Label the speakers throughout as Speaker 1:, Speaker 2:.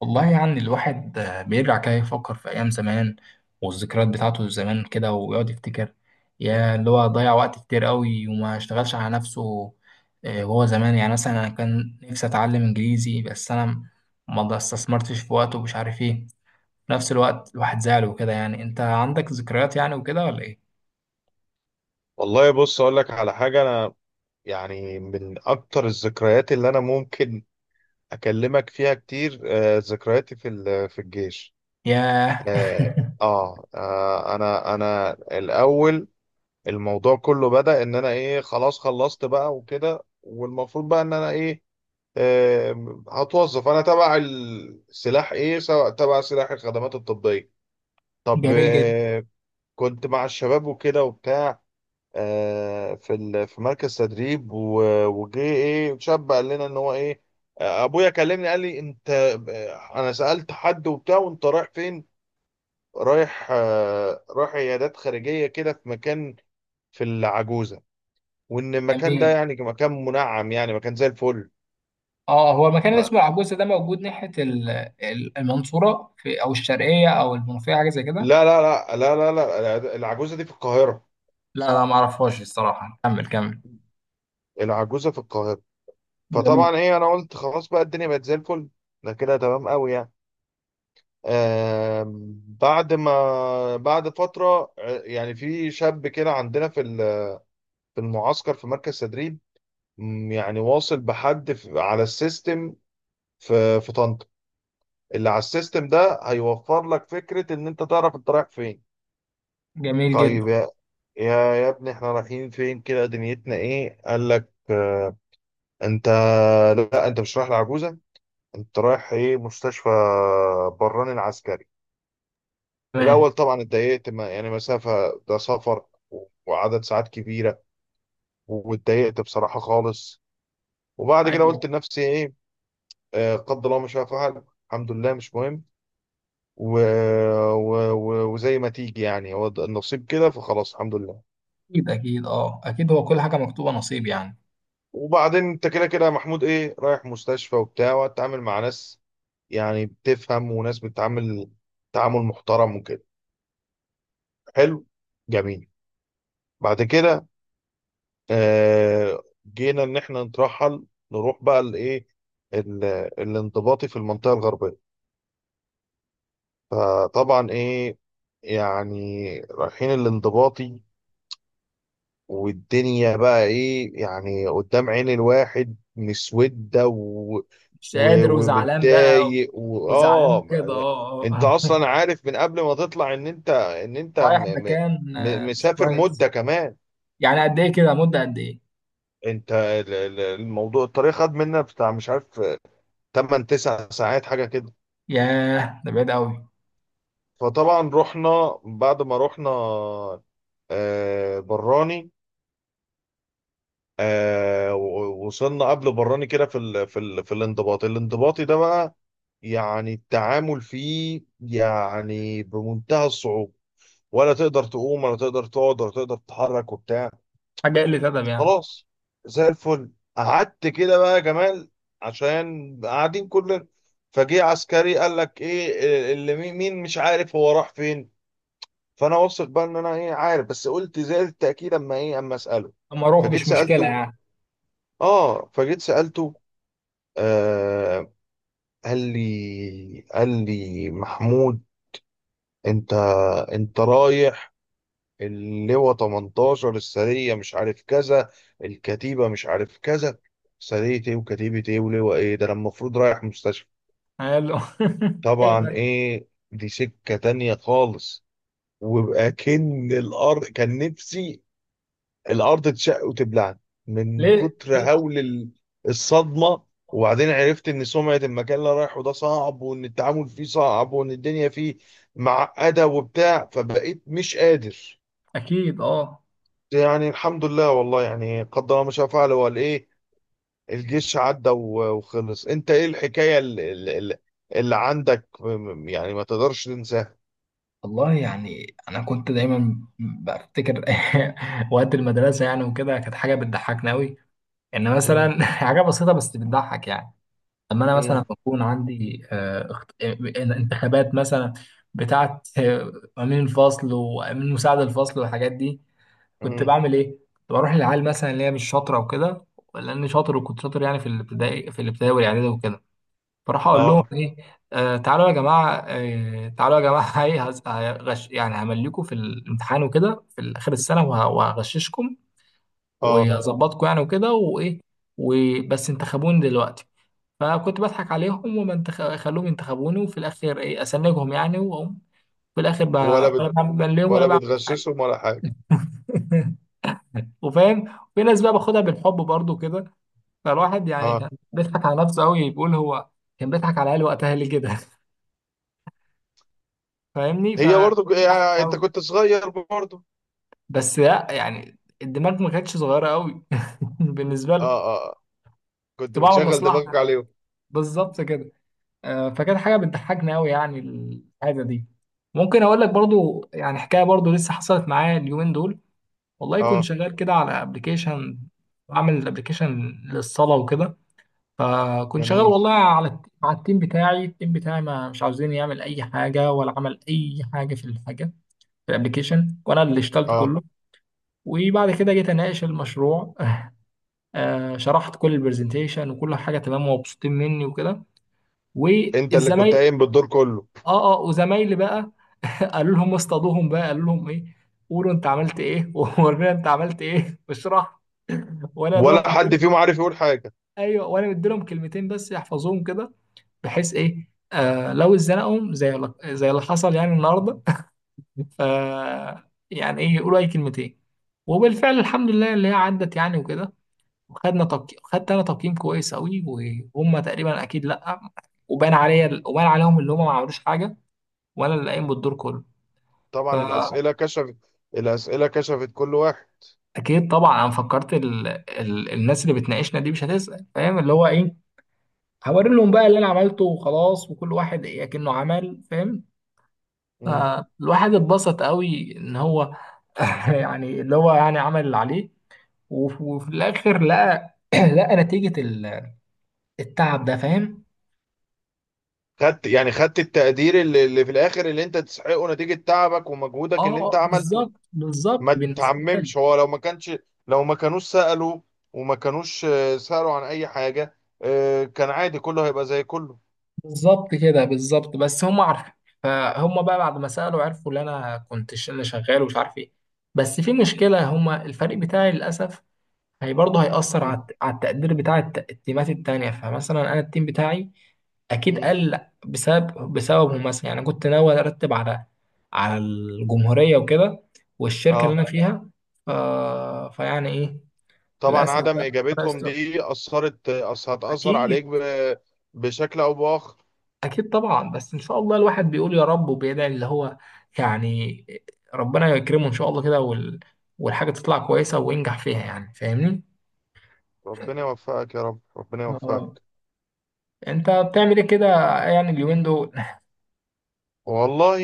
Speaker 1: والله يعني الواحد بيرجع كده يفكر في أيام زمان، والذكريات بتاعته زمان كده ويقعد يفتكر. يا اللي هو ضيع وقت كتير قوي وما اشتغلش على نفسه. وهو زمان يعني مثلا أنا كان نفسي أتعلم إنجليزي، بس أنا ما استثمرتش في وقته ومش عارف إيه. في نفس الوقت الواحد زعل وكده. يعني أنت عندك ذكريات يعني وكده ولا إيه؟
Speaker 2: والله، بص اقول لك على حاجه. انا يعني من اكتر الذكريات اللي انا ممكن اكلمك فيها كتير، ذكرياتي في الجيش.
Speaker 1: ياه!
Speaker 2: اه. انا الاول، الموضوع كله بدأ ان انا ايه خلاص خلصت بقى وكده. والمفروض بقى ان انا ايه هتوظف انا تبع السلاح ايه، سواء تبع سلاح الخدمات الطبيه. طب
Speaker 1: جميل جدا.
Speaker 2: كنت مع الشباب وكده وبتاع، في مركز تدريب. وجه ايه شاب قال لنا ان هو ايه ابويا كلمني قال لي انت، انا سألت حد وبتاع وانت رايح فين؟ رايح عيادات خارجية كده في مكان في العجوزة، وان المكان ده
Speaker 1: جميل.
Speaker 2: يعني مكان منعم، يعني مكان زي الفل.
Speaker 1: اه، هو المكان اللي
Speaker 2: لا،
Speaker 1: اسمه العجوزة ده موجود ناحية المنصورة، في أو الشرقية أو المنوفية، حاجة زي كده؟
Speaker 2: لا، لا، لا، لا، لا، العجوزة دي في القاهرة.
Speaker 1: لا، لا، ما اعرفهاش الصراحة. كمل، كمل.
Speaker 2: العجوزة في القاهرة.
Speaker 1: جميل.
Speaker 2: فطبعا ايه انا قلت خلاص بقى الدنيا بقت زي الفل. ده كده تمام قوي يعني. بعد ما بعد فترة، يعني في شاب كده عندنا في المعسكر في مركز تدريب، يعني واصل بحد على السيستم في طنطا. اللي على السيستم ده هيوفر لك فكرة ان انت تعرف انت رايح فين.
Speaker 1: جميل جدا.
Speaker 2: طيب يا، يا ابني، احنا رايحين فين كده؟ دنيتنا ايه؟ قال لك انت، لا انت مش رايح لعجوزة، انت رايح ايه مستشفى براني العسكري.
Speaker 1: تمام.
Speaker 2: الأول طبعا اتضايقت، يعني مسافة، ده سفر، وعدد ساعات كبيرة. واتضايقت بصراحة خالص. وبعد كده
Speaker 1: ايوه.
Speaker 2: قلت لنفسي إيه؟ قدر الله ما شاء فعل، الحمد لله مش مهم، و... وزي ما تيجي، يعني هو ده النصيب كده فخلاص الحمد لله.
Speaker 1: اكيد، اكيد. اه، اكيد، هو كل حاجة مكتوبة نصيب يعني.
Speaker 2: وبعدين أنت كده كده يا محمود إيه، رايح مستشفى وبتاع، وهتتعامل مع ناس يعني بتفهم، وناس بتتعامل تعامل محترم وكده. حلو. جميل. بعد كده جينا ان احنا نترحل، نروح بقى الايه، ال- الانضباطي في المنطقه الغربيه. فطبعا ايه، يعني رايحين الانضباطي، والدنيا بقى ايه يعني قدام عين الواحد مسوده
Speaker 1: مش قادر وزعلان بقى.
Speaker 2: ومتضايق
Speaker 1: وزعلان كده، اه،
Speaker 2: انت
Speaker 1: اه.
Speaker 2: اصلا عارف من قبل ما تطلع ان انت،
Speaker 1: رايح
Speaker 2: م...
Speaker 1: مكان مش
Speaker 2: مسافر
Speaker 1: كويس.
Speaker 2: مده كمان.
Speaker 1: يعني قد ايه كده؟ مدة قد ايه؟
Speaker 2: انت الموضوع، الطريق خد منا بتاع مش عارف 8 9 ساعات حاجة كده.
Speaker 1: ياه، ده بعيد قوي.
Speaker 2: فطبعا رحنا. بعد ما رحنا براني، وصلنا قبل براني كده في الانضباط الانضباطي ده بقى. يعني التعامل فيه يعني بمنتهى الصعوبة. ولا تقدر تقوم، ولا تقدر تقعد، ولا تقدر تتحرك وبتاع.
Speaker 1: حاجة قلة أدب يعني.
Speaker 2: خلاص، زي الفل. قعدت كده بقى يا جمال، عشان قاعدين كلنا. فجه عسكري قال لك ايه اللي، مين مش عارف هو راح فين. فانا واثق بقى ان انا ايه عارف، بس قلت زائد التاكيد، اما اساله.
Speaker 1: اما اروح،
Speaker 2: فجيت
Speaker 1: مش مشكلة
Speaker 2: سالته.
Speaker 1: يعني.
Speaker 2: اه. فجيت سالته آه قال لي محمود، انت انت رايح اللواء 18، السريه مش عارف كذا، الكتيبه مش عارف كذا. سريه ايه وكتيبه ايه ولواء ايه، ده انا المفروض رايح مستشفى.
Speaker 1: حلو.
Speaker 2: طبعا
Speaker 1: ايوه.
Speaker 2: ايه، دي سكه تانية خالص. ويبقى كن الارض، كان نفسي الارض تشق وتبلعني من
Speaker 1: ليه؟
Speaker 2: كتر
Speaker 1: ليه؟
Speaker 2: هول الصدمه. وبعدين عرفت ان سمعه المكان اللي أنا رايحه ده صعب، وان التعامل فيه صعب، وان الدنيا فيه معقده وبتاع، فبقيت مش قادر.
Speaker 1: اكيد، اه.
Speaker 2: يعني الحمد لله، والله يعني قدر الله ما شاء فعل وقال ايه، الجيش عدى وخلص. انت ايه الحكايه اللي, اللي عندك يعني ما تقدرش تنساها؟
Speaker 1: والله يعني انا كنت دايما بفتكر وقت المدرسه يعني وكده، كانت حاجه بتضحكنا قوي. ان
Speaker 2: مم.
Speaker 1: مثلا حاجه بسيطه بس بتضحك يعني. لما انا
Speaker 2: مم.
Speaker 1: مثلا بكون عندي انتخابات مثلا، بتاعت امين الفصل وامين مساعد الفصل والحاجات دي. كنت
Speaker 2: مم.
Speaker 1: بعمل ايه؟ كنت بروح للعيال مثلا اللي هي مش شاطره وكده، لاني شاطر وكنت شاطر يعني، في الابتدائي والاعدادي وكده. فراح اقول لهم
Speaker 2: اه،
Speaker 1: ايه، تعالوا يا جماعه، تعالوا يا جماعه. ايه، هغش يعني همليكوا في الامتحان وكده في اخر السنه، وهغششكم
Speaker 2: اه.
Speaker 1: وهظبطكم يعني وكده وايه. وبس انتخبوني دلوقتي. فكنت بضحك عليهم. خلوهم ينتخبوني، وفي الاخر ايه اسنجهم يعني واقوم. في الاخر ب...
Speaker 2: ولا
Speaker 1: ولا
Speaker 2: بت
Speaker 1: بعمل بان ليهم، ولا
Speaker 2: ولا
Speaker 1: بعمل حاجه.
Speaker 2: بتغششهم ولا حاجه.
Speaker 1: وفاهم في ناس بقى باخدها بالحب برضو كده. فالواحد يعني
Speaker 2: اه.
Speaker 1: كان بيضحك على نفسه قوي، بيقول هو كان بيضحك على العيال وقتها ليه كده. فاهمني؟
Speaker 2: هي برضو
Speaker 1: زحمة
Speaker 2: يعني انت
Speaker 1: أوي.
Speaker 2: كنت صغير برضو.
Speaker 1: بس لا، يعني الدماغ ما كانتش صغيرة أوي. بالنسبة
Speaker 2: اه،
Speaker 1: له.
Speaker 2: اه،
Speaker 1: كنت
Speaker 2: كنت
Speaker 1: بعمل
Speaker 2: بتشغل دماغك
Speaker 1: مصلحة.
Speaker 2: عليهم.
Speaker 1: بالظبط كده. فكانت حاجة بتضحكني أوي يعني الحاجة دي. ممكن أقول لك برضو يعني، حكاية برضو لسه حصلت معايا اليومين دول. والله كنت
Speaker 2: اه.
Speaker 1: شغال كده على أبلكيشن، بعمل أبلكيشن للصلاة وكده. فكنت شغال
Speaker 2: جميل.
Speaker 1: والله على التيم بتاعي. ما مش عاوزين يعمل أي حاجة، ولا عمل أي حاجة في الحاجة، في الأبلكيشن. وأنا اللي اشتغلت
Speaker 2: اه،
Speaker 1: كله. وبعد كده جيت اناقش المشروع. شرحت كل البرزنتيشن وكل حاجه تمام، ومبسوطين مني وكده.
Speaker 2: انت اللي كنت
Speaker 1: والزمايل.
Speaker 2: قايم بالدور كله.
Speaker 1: اه، اه. وزمايلي بقى. قالوا لهم ايه، قولوا انت عملت ايه. وورينا انت عملت ايه واشرح. وانا دوت
Speaker 2: ولا حد
Speaker 1: مديلهم.
Speaker 2: فيهم عارف يقول حاجة؟
Speaker 1: ايوه، وانا مديلهم كلمتين بس يحفظوهم كده، بحيث ايه لو اتزنقهم زي اللي حصل يعني النهارده. ف يعني ايه يقولوا اي كلمتين. وبالفعل الحمد لله اللي هي عدت يعني وكده، وخدنا تقييم، خدت انا تقييم كويس قوي. وهم تقريبا اكيد لا. وبان عليا، وبان عليهم اللي هم ما عملوش حاجه، وانا اللي قايم بالدور كله.
Speaker 2: طبعا
Speaker 1: فاكيد.
Speaker 2: الأسئلة كشفت كل واحد.
Speaker 1: طبعا انا فكرت الناس اللي بتناقشنا دي مش هتسال، فاهم اللي هو ايه. هوري لهم بقى اللي انا عملته وخلاص، وكل واحد ايه كأنه عمل، فاهم.
Speaker 2: مم.
Speaker 1: فالواحد اتبسط قوي ان هو يعني اللي هو يعني عمل اللي عليه. وفي الاخر لقى لقى نتيجه التعب ده، فاهم.
Speaker 2: خدت التقدير اللي, اللي في الآخر، اللي انت تستحقه نتيجة تعبك ومجهودك اللي انت
Speaker 1: اه،
Speaker 2: عملته.
Speaker 1: بالظبط، بالظبط
Speaker 2: ما
Speaker 1: بالنسبه لي.
Speaker 2: تعممش، هو لو ما كانوش سألوا، وما كانوش سألوا عن أي حاجة، كان عادي، كله هيبقى زي كله.
Speaker 1: بالظبط كده، بالظبط، بس هم عارفين. فهم بقى بعد ما سالوا عرفوا ان انا شغال ومش عارف ايه. بس في مشكله، هم الفريق بتاعي للاسف. هي برضه هيأثر
Speaker 2: مم.
Speaker 1: على التقدير بتاع التيمات التانية، فمثلا انا التيم بتاعي اكيد
Speaker 2: مم.
Speaker 1: قل، بسببهم. مثلا يعني كنت ناوي ارتب على الجمهوريه وكده، والشركه اللي
Speaker 2: اه.
Speaker 1: انا فيها. ف... فيعني ايه،
Speaker 2: طبعا
Speaker 1: للاسف
Speaker 2: عدم
Speaker 1: بقى. ربنا
Speaker 2: اجابتهم
Speaker 1: يستر.
Speaker 2: دي هتاثر
Speaker 1: اكيد.
Speaker 2: عليك بشكل او باخر.
Speaker 1: أكيد طبعا، بس إن شاء الله الواحد بيقول يا رب وبيدعي، اللي هو يعني ربنا يكرمه إن شاء الله كده، والحاجة تطلع كويسة وينجح فيها يعني، فاهمني؟
Speaker 2: ربنا يوفقك يا رب، ربنا
Speaker 1: يا رب.
Speaker 2: يوفقك.
Speaker 1: أنت بتعمل إيه كده يعني اليومين دول؟
Speaker 2: والله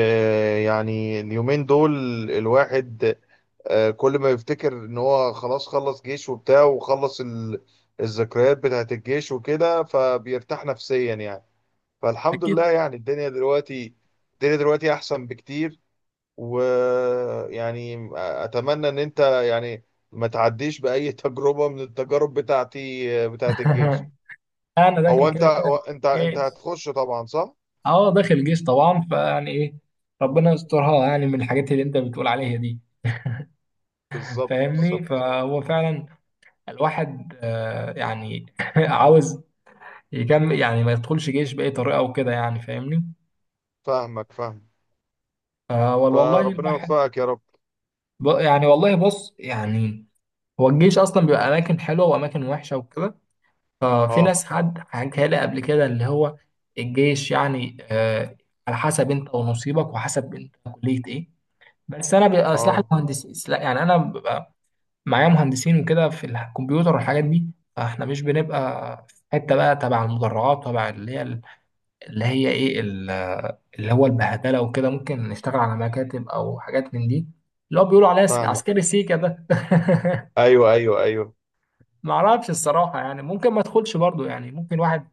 Speaker 2: يعني اليومين دول الواحد كل ما يفتكر ان هو خلاص خلص جيش وبتاع وخلص الذكريات بتاعت الجيش وكده، فبيرتاح نفسيا يعني. فالحمد
Speaker 1: أكيد.
Speaker 2: لله يعني. الدنيا دلوقتي احسن بكتير. ويعني اتمنى ان انت يعني ما تعديش باي تجربه من التجارب بتاعتي بتاعت الجيش.
Speaker 1: أنا داخل
Speaker 2: هو انت
Speaker 1: كده كده
Speaker 2: هو انت انت
Speaker 1: جيش.
Speaker 2: هتخش طبعا صح؟
Speaker 1: أه، داخل جيش طبعا، فيعني إيه،
Speaker 2: مم.
Speaker 1: ربنا يسترها يعني من الحاجات اللي أنت بتقول عليها دي.
Speaker 2: بالظبط،
Speaker 1: فاهمني؟
Speaker 2: بالظبط.
Speaker 1: فهو فعلا الواحد يعني عاوز يكمل، يعني ما يدخلش جيش بأي طريقة وكده يعني، فاهمني؟
Speaker 2: فاهمك، فاهم.
Speaker 1: والله
Speaker 2: فربنا
Speaker 1: الواحد
Speaker 2: يوفقك يا رب.
Speaker 1: يعني، والله بص يعني، هو الجيش اصلا بيبقى اماكن حلوه واماكن وحشه وكده. ففي
Speaker 2: اه،
Speaker 1: ناس، حد حكى لي قبل كده اللي هو الجيش يعني على حسب انت ونصيبك، وحسب انت كليه ايه. بس انا بيبقى سلاح
Speaker 2: اه.
Speaker 1: المهندسين، يعني انا ببقى معايا مهندسين وكده في الكمبيوتر والحاجات دي. فاحنا مش بنبقى في حته بقى تبع المدرعات، تبع اللي هي، اللي هي ايه اللي هو البهدله وكده. ممكن نشتغل على مكاتب او حاجات من دي، اللي هو بيقولوا عليها
Speaker 2: فاهمك.
Speaker 1: عسكري سيكا ده.
Speaker 2: ايوه، ايوه، ايوه.
Speaker 1: ما اعرفش الصراحه يعني، ممكن ما ادخلش برضو يعني، ممكن واحد،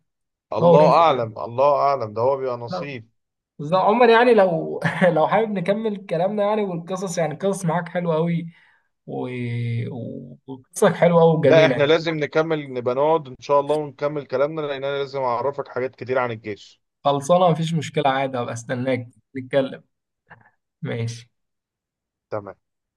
Speaker 1: هو
Speaker 2: الله
Speaker 1: رزقه يعني.
Speaker 2: اعلم، الله اعلم، ده هو بيبقى
Speaker 1: بالظبط.
Speaker 2: نصيب.
Speaker 1: بالظبط. عمر، يعني لو لو حابب نكمل كلامنا يعني، والقصص يعني، القصص معاك حلوه قوي، و... وقصصك حلوه قوي
Speaker 2: لا،
Speaker 1: وجميله
Speaker 2: احنا
Speaker 1: يعني.
Speaker 2: لازم نكمل، نبقى نقعد ان شاء الله ونكمل كلامنا، لان انا لازم اعرفك حاجات كتير عن الجيش.
Speaker 1: خلصانه، مفيش مشكله عادي، هبقى استناك. نتكلم. ماشي.
Speaker 2: تمام.